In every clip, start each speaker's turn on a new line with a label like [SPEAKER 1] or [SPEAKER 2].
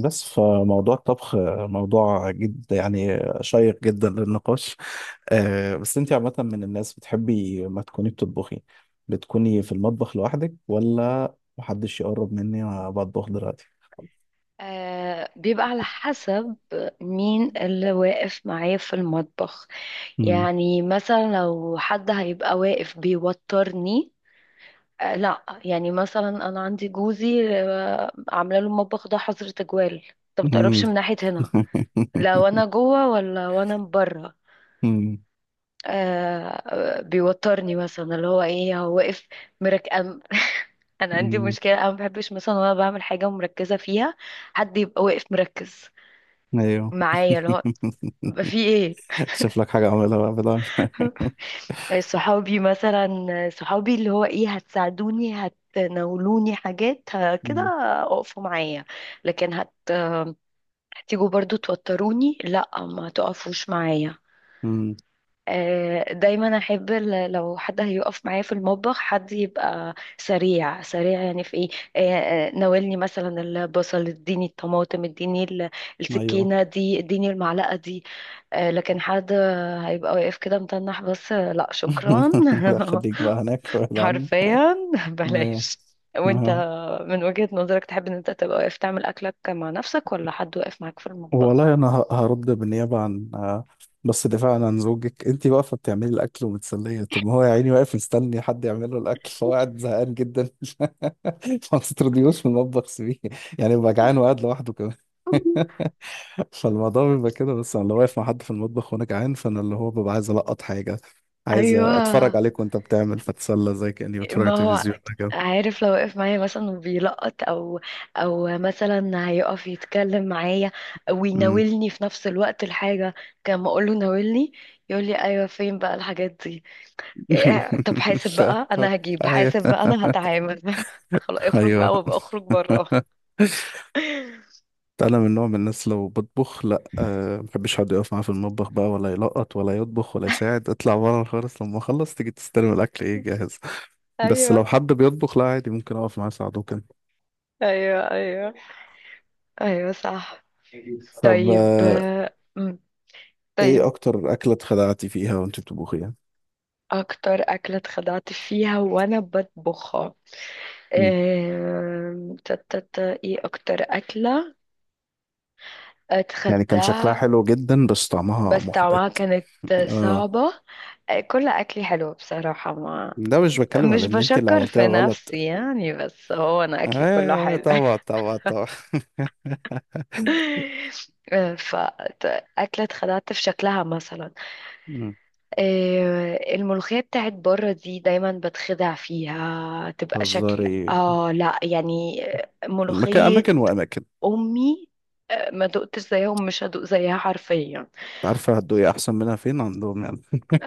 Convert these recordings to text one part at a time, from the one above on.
[SPEAKER 1] بس فموضوع الطبخ موضوع جد يعني شيق جدا للنقاش. بس انت عامة من الناس بتحبي ما تكوني بتطبخي بتكوني في المطبخ لوحدك ولا محدش يقرب مني وانا بطبخ دلوقتي؟
[SPEAKER 2] آه بيبقى على حسب مين اللي واقف معايا في المطبخ.
[SPEAKER 1] مم.
[SPEAKER 2] يعني مثلا لو حد هيبقى واقف بيوترني. آه لا، يعني مثلا انا عندي جوزي، آه عامله له المطبخ ده حظر تجوال. انت
[SPEAKER 1] مم.
[SPEAKER 2] متقربش من ناحيه هنا لو انا جوه ولا وانا بره.
[SPEAKER 1] مم.
[SPEAKER 2] آه بيوترني مثلا، اللي هو ايه، هو واقف مركب. انا عندي
[SPEAKER 1] مم.
[SPEAKER 2] مشكله، انا ما بحبش مثلا وانا بعمل حاجه ومركزه فيها حد يبقى واقف مركز
[SPEAKER 1] ايوه.
[SPEAKER 2] معايا، اللي هو بقى في ايه.
[SPEAKER 1] شوف لك حاجة اعملها بقى بدل.
[SPEAKER 2] صحابي مثلا، صحابي اللي هو ايه، هتساعدوني، هتناولوني حاجات كده،
[SPEAKER 1] مم.
[SPEAKER 2] اقفوا معايا. لكن هتيجوا برضو توتروني، لا ما تقفوش معايا.
[SPEAKER 1] مم.
[SPEAKER 2] دايما احب لو حد هيقف معايا في المطبخ حد يبقى سريع سريع، يعني في ايه. ناولني مثلا البصل، اديني الطماطم، اديني
[SPEAKER 1] ايوه.
[SPEAKER 2] السكينة دي، اديني المعلقة دي. لكن حد هيبقى واقف كده متنح بس، لا شكرا.
[SPEAKER 1] لا، خليك بقى هناك بعيد عني.
[SPEAKER 2] حرفيا،
[SPEAKER 1] ايوه.
[SPEAKER 2] بلاش. وانت من وجهة نظرك تحب ان انت تبقى واقف تعمل اكلك مع نفسك، ولا حد واقف معاك في المطبخ؟
[SPEAKER 1] والله انا هرد بالنيابه عن بس دفاعا عن زوجك، انت واقفه بتعملي الاكل ومتسليه، طب ما هو يا عيني واقف مستني حد يعمل له الاكل فهو قاعد زهقان جدا. ما تطرديهوش من المطبخ، سيبيه يعني ببقى جعان وقاعد لوحده كمان. فالموضوع بيبقى كده. بس انا لو واقف مع حد في المطبخ وانا جعان فانا اللي هو ببقى عايز القط حاجه، عايز
[SPEAKER 2] ايوه،
[SPEAKER 1] اتفرج عليك وانت بتعمل فتسلى زي كاني بتفرج على
[SPEAKER 2] ما هو
[SPEAKER 1] التلفزيون كده.
[SPEAKER 2] عارف، لو وقف معايا مثلا وبيلقط او او مثلا هيقف يتكلم معايا
[SPEAKER 1] أمم.
[SPEAKER 2] ويناولني في نفس الوقت الحاجه، كان ما اقول له ناولني يقول لي ايوه فين بقى الحاجات دي. إيه، طب حاسب
[SPEAKER 1] مش عارف.
[SPEAKER 2] بقى، انا هجيب
[SPEAKER 1] ايوه
[SPEAKER 2] حاسب بقى، انا هتعامل. فخلاص اخرج
[SPEAKER 1] ايوه.
[SPEAKER 2] بقى، وابقى اخرج بره.
[SPEAKER 1] انا من نوع من الناس لو بطبخ لا، أه، محبش حد يقف معايا في المطبخ بقى، ولا يلقط ولا يطبخ ولا يساعد، اطلع بره خالص، لما اخلص تيجي تستلم الاكل ايه جاهز. بس لو
[SPEAKER 2] ايوه،
[SPEAKER 1] حد بيطبخ لا عادي، ممكن اقف معاه اساعده كده.
[SPEAKER 2] ايوه. ايوه، ايوه صح.
[SPEAKER 1] طب
[SPEAKER 2] طيب
[SPEAKER 1] ايه
[SPEAKER 2] طيب،
[SPEAKER 1] اكتر اكله اتخدعتي فيها وانت بتطبخيها؟
[SPEAKER 2] اكتر اكله اتخدعت فيها وانا بطبخها.
[SPEAKER 1] مم.
[SPEAKER 2] آم، تا- تا- تا، ايه اكتر اكلة
[SPEAKER 1] يعني كان شكلها
[SPEAKER 2] اتخدع.
[SPEAKER 1] حلو جدا بس طعمها
[SPEAKER 2] بس طعمها
[SPEAKER 1] محبط.
[SPEAKER 2] كانت
[SPEAKER 1] اه.
[SPEAKER 2] صعبة. آه، كل اكلي حلو بصراحة، ما
[SPEAKER 1] ده مش بتكلم
[SPEAKER 2] مش
[SPEAKER 1] على ان انت اللي
[SPEAKER 2] بشكر
[SPEAKER 1] عملتيها
[SPEAKER 2] في
[SPEAKER 1] غلط.
[SPEAKER 2] نفسي يعني، بس هو انا
[SPEAKER 1] ايوه.
[SPEAKER 2] اكلي كله
[SPEAKER 1] أيوة،
[SPEAKER 2] حلو.
[SPEAKER 1] طبعا طبعا طبعا.
[SPEAKER 2] آه، ف أكلة اتخدعت في شكلها مثلا،
[SPEAKER 1] مم.
[SPEAKER 2] آه، الملوخية بتاعت بره دي دايما بتخدع فيها، تبقى شكل.
[SPEAKER 1] هزاري.
[SPEAKER 2] اه لا يعني، آه،
[SPEAKER 1] مكان
[SPEAKER 2] ملوخية
[SPEAKER 1] اماكن واماكن.
[SPEAKER 2] امي، آه، ما دقتش زيهم، مش هدوق زيها حرفيا.
[SPEAKER 1] عارفة هتدوقي أحسن منها فين عندهم يعني.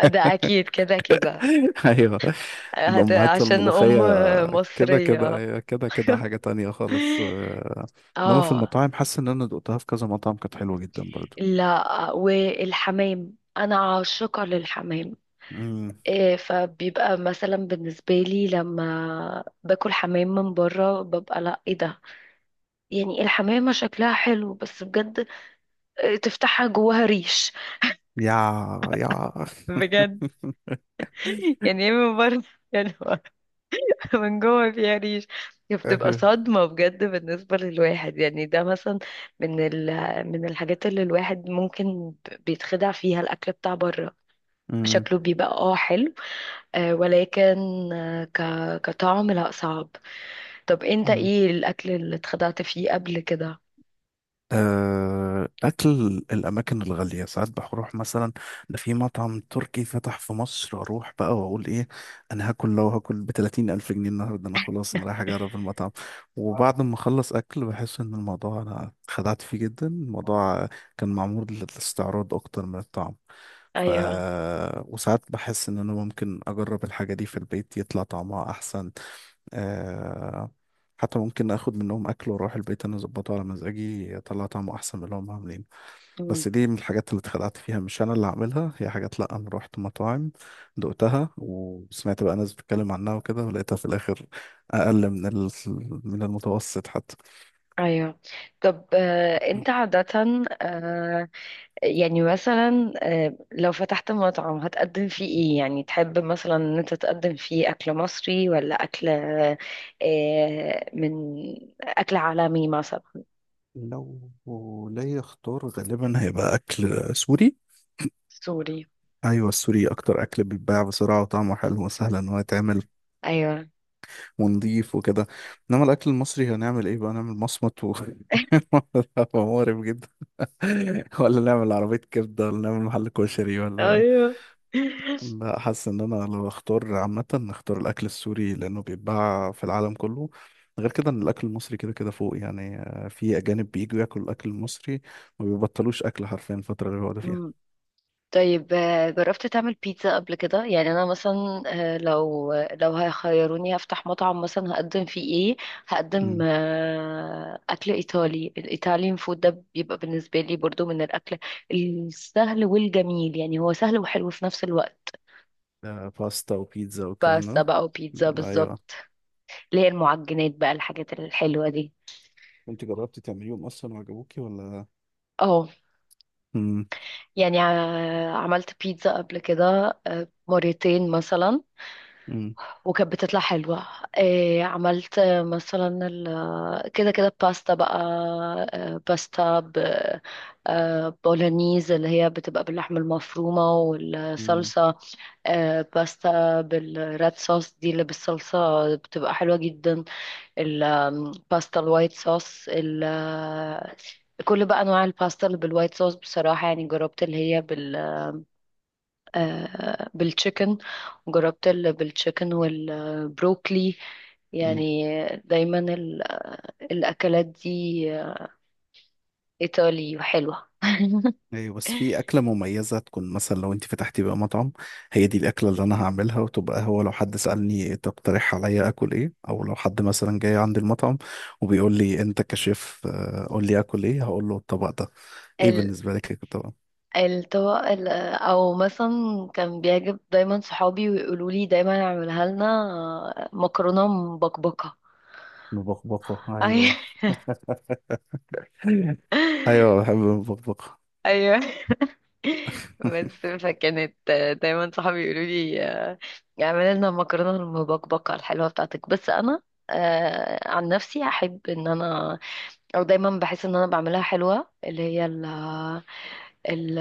[SPEAKER 2] ده اكيد كده كده.
[SPEAKER 1] أيوه. الأمهات
[SPEAKER 2] عشان ام،
[SPEAKER 1] الملوخية
[SPEAKER 2] آه،
[SPEAKER 1] كده كده،
[SPEAKER 2] مصرية.
[SPEAKER 1] هي كده كده حاجة تانية خالص. إنما في
[SPEAKER 2] اه،
[SPEAKER 1] المطاعم حاسس إن أنا دقتها في كذا مطعم كانت حلوة جدا برضو.
[SPEAKER 2] لا والحمام انا عاشقة للحمام.
[SPEAKER 1] مم.
[SPEAKER 2] إيه، فبيبقى مثلا بالنسبة لي لما باكل حمام من بره ببقى لا ايه ده، يعني الحمامة شكلها حلو بس بجد، إيه، تفتحها جواها ريش.
[SPEAKER 1] يا يا أخ.
[SPEAKER 2] بجد. يعني ايه من بره يعني من جوه فيها ريش، بتبقى
[SPEAKER 1] أه.
[SPEAKER 2] صدمة بجد بالنسبة للواحد. يعني ده مثلا من ال... من الحاجات اللي الواحد ممكن بيتخدع فيها، الأكل بتاع بره شكله بيبقى اه حلو، آه، ولكن آه ك... كطعم لا صعب. طب انت
[SPEAKER 1] مم.
[SPEAKER 2] ايه الأكل اللي اتخدعت فيه قبل كده؟
[SPEAKER 1] أكل الأماكن الغالية ساعات بروح مثلا، ده في مطعم تركي فتح في مصر، أروح بقى وأقول إيه؟ أنا هاكل، لو هاكل ب30 ألف جنيه النهاردة أنا خلاص أنا رايح أجرب المطعم. وبعد ما أخلص أكل بحس إن الموضوع أنا خدعت فيه جدا، الموضوع كان معمول للاستعراض أكتر من الطعم. ف
[SPEAKER 2] ايوه.
[SPEAKER 1] وساعات بحس إن أنا ممكن أجرب الحاجة دي في البيت يطلع طعمها أحسن. آه. حتى ممكن اخد منهم اكل واروح البيت انا اظبطه على مزاجي يطلع طعمه احسن من اللي هم عاملين.
[SPEAKER 2] مم.
[SPEAKER 1] بس دي من الحاجات اللي اتخدعت فيها، مش انا اللي عاملها، هي حاجات لا انا رحت مطاعم دقتها وسمعت بقى ناس بتتكلم عنها وكده ولقيتها في الاخر اقل من من المتوسط حتى.
[SPEAKER 2] ايوه. طب آه انت عادة، آه، يعني مثلا، آه، لو فتحت مطعم هتقدم فيه ايه، يعني تحب مثلا ان انت تقدم فيه اكل مصري ولا اكل، آه، من اكل عالمي مثلا؟
[SPEAKER 1] لو ليا اختار غالبا هيبقى اكل سوري.
[SPEAKER 2] سوري.
[SPEAKER 1] ايوه، السوري اكتر اكل بيتباع بسرعه وطعمه حلو وسهل ان هو يتعمل
[SPEAKER 2] ايوه.
[SPEAKER 1] ونضيف وكده. انما الاكل المصري هنعمل ايه بقى، نعمل مصمت مقرف جدا، ولا نعمل عربية كبدة ولا نعمل محل كشري ولا؟
[SPEAKER 2] ايوه.
[SPEAKER 1] لا، حاسس ان انا لو اختار عامة اختار الاكل السوري لانه بيتباع في العالم كله. غير كده ان الاكل المصري كده كده فوق، يعني في اجانب بييجوا ياكلوا الاكل المصري ما بيبطلوش اكل حرفيا الفترة اللي بيقعدوا فيها.
[SPEAKER 2] طيب آه، جربت تعمل بيتزا قبل كده؟ يعني انا مثلا، آه، لو هيخيروني هفتح مطعم مثلا، هقدم فيه ايه؟ هقدم،
[SPEAKER 1] مم.
[SPEAKER 2] آه، اكل ايطالي. الايطاليان فود ده بيبقى بالنسبه لي برضو من الاكل السهل والجميل، يعني هو سهل وحلو في نفس الوقت.
[SPEAKER 1] باستا وبيتزا والكلام
[SPEAKER 2] بس
[SPEAKER 1] ده.
[SPEAKER 2] بقى وبيتزا
[SPEAKER 1] مم،
[SPEAKER 2] بالظبط،
[SPEAKER 1] ايوه.
[SPEAKER 2] اللي هي المعجنات بقى، الحاجات الحلوه دي.
[SPEAKER 1] انت جربتي تعمليهم اصلا وعجبوكي ولا؟
[SPEAKER 2] اه،
[SPEAKER 1] مم.
[SPEAKER 2] يعني عملت بيتزا قبل كده، آه، مرتين مثلا،
[SPEAKER 1] مم.
[SPEAKER 2] وكانت بتطلع حلوة. إيه، عملت، آه، مثلا كده كده باستا بقى. آه، باستا ب آه، بولونيز، اللي هي بتبقى باللحمة المفرومة
[SPEAKER 1] مم.
[SPEAKER 2] والصلصة. آه، باستا بالريد صوص دي، اللي بالصلصة، بتبقى حلوة جدا. الباستا الوايت صوص كل بقى أنواع الباستا اللي بالوايت صوص بصراحة. يعني جربت اللي هي، آه، بالتشيكن، وجربت بالتشيكن والبروكلي.
[SPEAKER 1] مم.
[SPEAKER 2] يعني دايما الأكلات دي، آه، إيطالي وحلوة.
[SPEAKER 1] ايوه. بس في اكله مميزه تكون مثلا لو انت فتحتي بقى مطعم هي دي الاكله اللي انا هعملها، وتبقى هو لو حد سالني تقترح عليا اكل ايه او لو حد مثلا جاي عند المطعم وبيقول لي انت كشيف قول لي اكل ايه، هقول له الطبق ده. ايه
[SPEAKER 2] ال-
[SPEAKER 1] بالنسبه لك الطبق؟
[SPEAKER 2] أو مثلا كان بيعجب دايما صحابي ويقولوا لي دايما اعملها لنا، آه، مكرونة مبكبكة.
[SPEAKER 1] مبقبقه
[SPEAKER 2] أيوة.
[SPEAKER 1] ايوه. ايوه بحب المبقبقه.
[SPEAKER 2] أيوة. بس فكانت، آه، دايما صحابي يقولوا لي، آه، اعملي لنا مكرونه المبكبكه الحلوه بتاعتك. بس انا، آه، عن نفسي احب ان انا، او دايما بحس ان انا بعملها حلوه، اللي هي ال-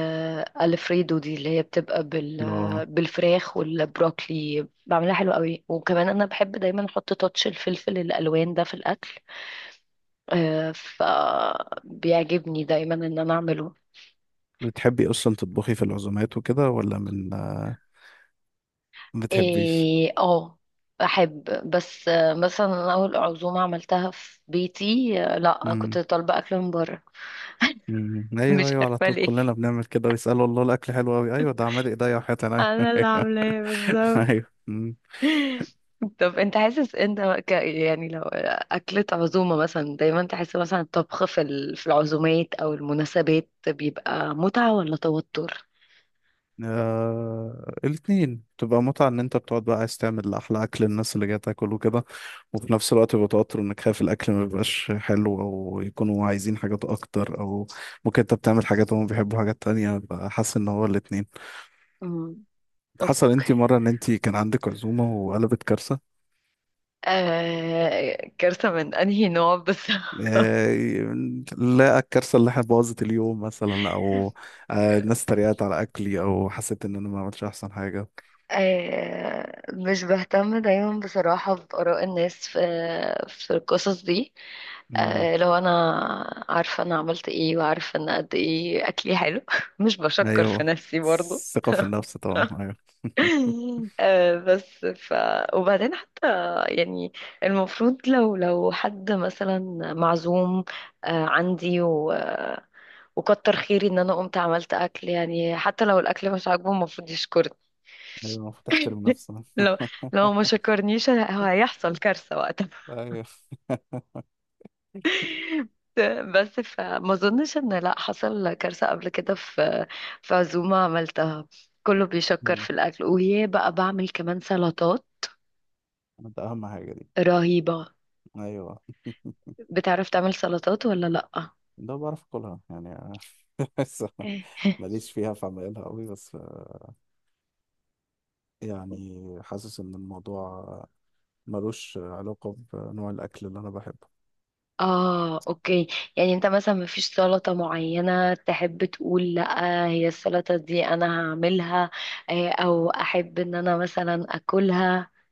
[SPEAKER 2] الفريدو دي، اللي هي بتبقى
[SPEAKER 1] اه.
[SPEAKER 2] بالفراخ والبروكلي، بعملها حلوه قوي. وكمان انا بحب دايما احط تاتش الفلفل الالوان ده في الاكل. آه، فبيعجبني دايما ان انا اعمله.
[SPEAKER 1] بتحبي اصلا تطبخي في العزومات وكده ولا من ما بتحبيش؟
[SPEAKER 2] إيه، اه، احب. بس آه، مثلا أنا اول عزومه عملتها في بيتي، آه، لا كنت
[SPEAKER 1] امم.
[SPEAKER 2] طالبه اكل من بره.
[SPEAKER 1] أمم. ايوه
[SPEAKER 2] مش
[SPEAKER 1] ايوه، على
[SPEAKER 2] عارفه
[SPEAKER 1] طول
[SPEAKER 2] ليه،
[SPEAKER 1] كلنا بنعمل كده ويسالوا الله الاكل حلو قوي، ايوه ده عمال ايديا وحياتي عينيا.
[SPEAKER 2] انا اللي عاملاه بالظبط.
[SPEAKER 1] ايوه. مم.
[SPEAKER 2] طب انت حاسس انت يعني لو اكلة عزومة مثلا، دايما تحس مثلا الطبخ في العزومات او المناسبات بيبقى متعة ولا توتر؟
[SPEAKER 1] الاثنين تبقى متعة ان انت بتقعد بقى عايز تعمل احلى اكل للناس اللي جاية تاكل وكده، وفي نفس الوقت يبقى توتر انك خايف الاكل ما يبقاش حلو او يكونوا عايزين حاجات اكتر، او ممكن انت بتعمل حاجات وهم بيحبوا حاجات تانية بقى، حاسس ان هو الاثنين.
[SPEAKER 2] امم.
[SPEAKER 1] حصل
[SPEAKER 2] اوكي.
[SPEAKER 1] انت مرة ان انت كان عندك عزومة وقلبت كارثة؟
[SPEAKER 2] آه، كارثة من انهي نوع بس؟
[SPEAKER 1] آه... لا، الكارثة اللي احنا بوظت اليوم مثلا، او الناس اتريقت على اكلي او حسيت ان انا ما عملتش احسن حاجة.
[SPEAKER 2] آه، مش بهتم دايما بصراحة بآراء الناس في في القصص دي. آه، لو أنا عارفة أنا عملت إيه، وعارفة أنا قد إيه أكلي حلو. مش بشكر في
[SPEAKER 1] ايوه،
[SPEAKER 2] نفسي برضو.
[SPEAKER 1] ثقة في النفس طبعا، ايوه.
[SPEAKER 2] آه، بس ف وبعدين حتى يعني المفروض لو، لو حد مثلا معزوم، آه، عندي وكتر خيري إن أنا قمت عملت أكل، يعني حتى لو الأكل مش عاجبه المفروض يشكرني.
[SPEAKER 1] ايوه، المفروض تحترم نفسها.
[SPEAKER 2] لو لو ما شكرنيش هو هيحصل كارثة وقتها.
[SPEAKER 1] ايوه.
[SPEAKER 2] بس فما اظنش ان لا حصل كارثة قبل كده في في عزومة عملتها، كله بيشكر
[SPEAKER 1] مم.
[SPEAKER 2] في الاكل، وهي بقى بعمل كمان سلطات
[SPEAKER 1] ده اهم حاجة دي.
[SPEAKER 2] رهيبة.
[SPEAKER 1] ايوه.
[SPEAKER 2] بتعرف تعمل سلطات ولا لا؟
[SPEAKER 1] ده بعرف اكلها يعني. بس ماليش فيها في عمايلها قوي، بس يعني حاسس ان الموضوع ملوش علاقة بنوع الاكل اللي انا بحبه.
[SPEAKER 2] اه، اوكي. يعني انت مثلا مفيش سلطة معينة تحب تقول لا هي السلطة دي انا هعملها، آه، او احب ان انا مثلا اكلها؟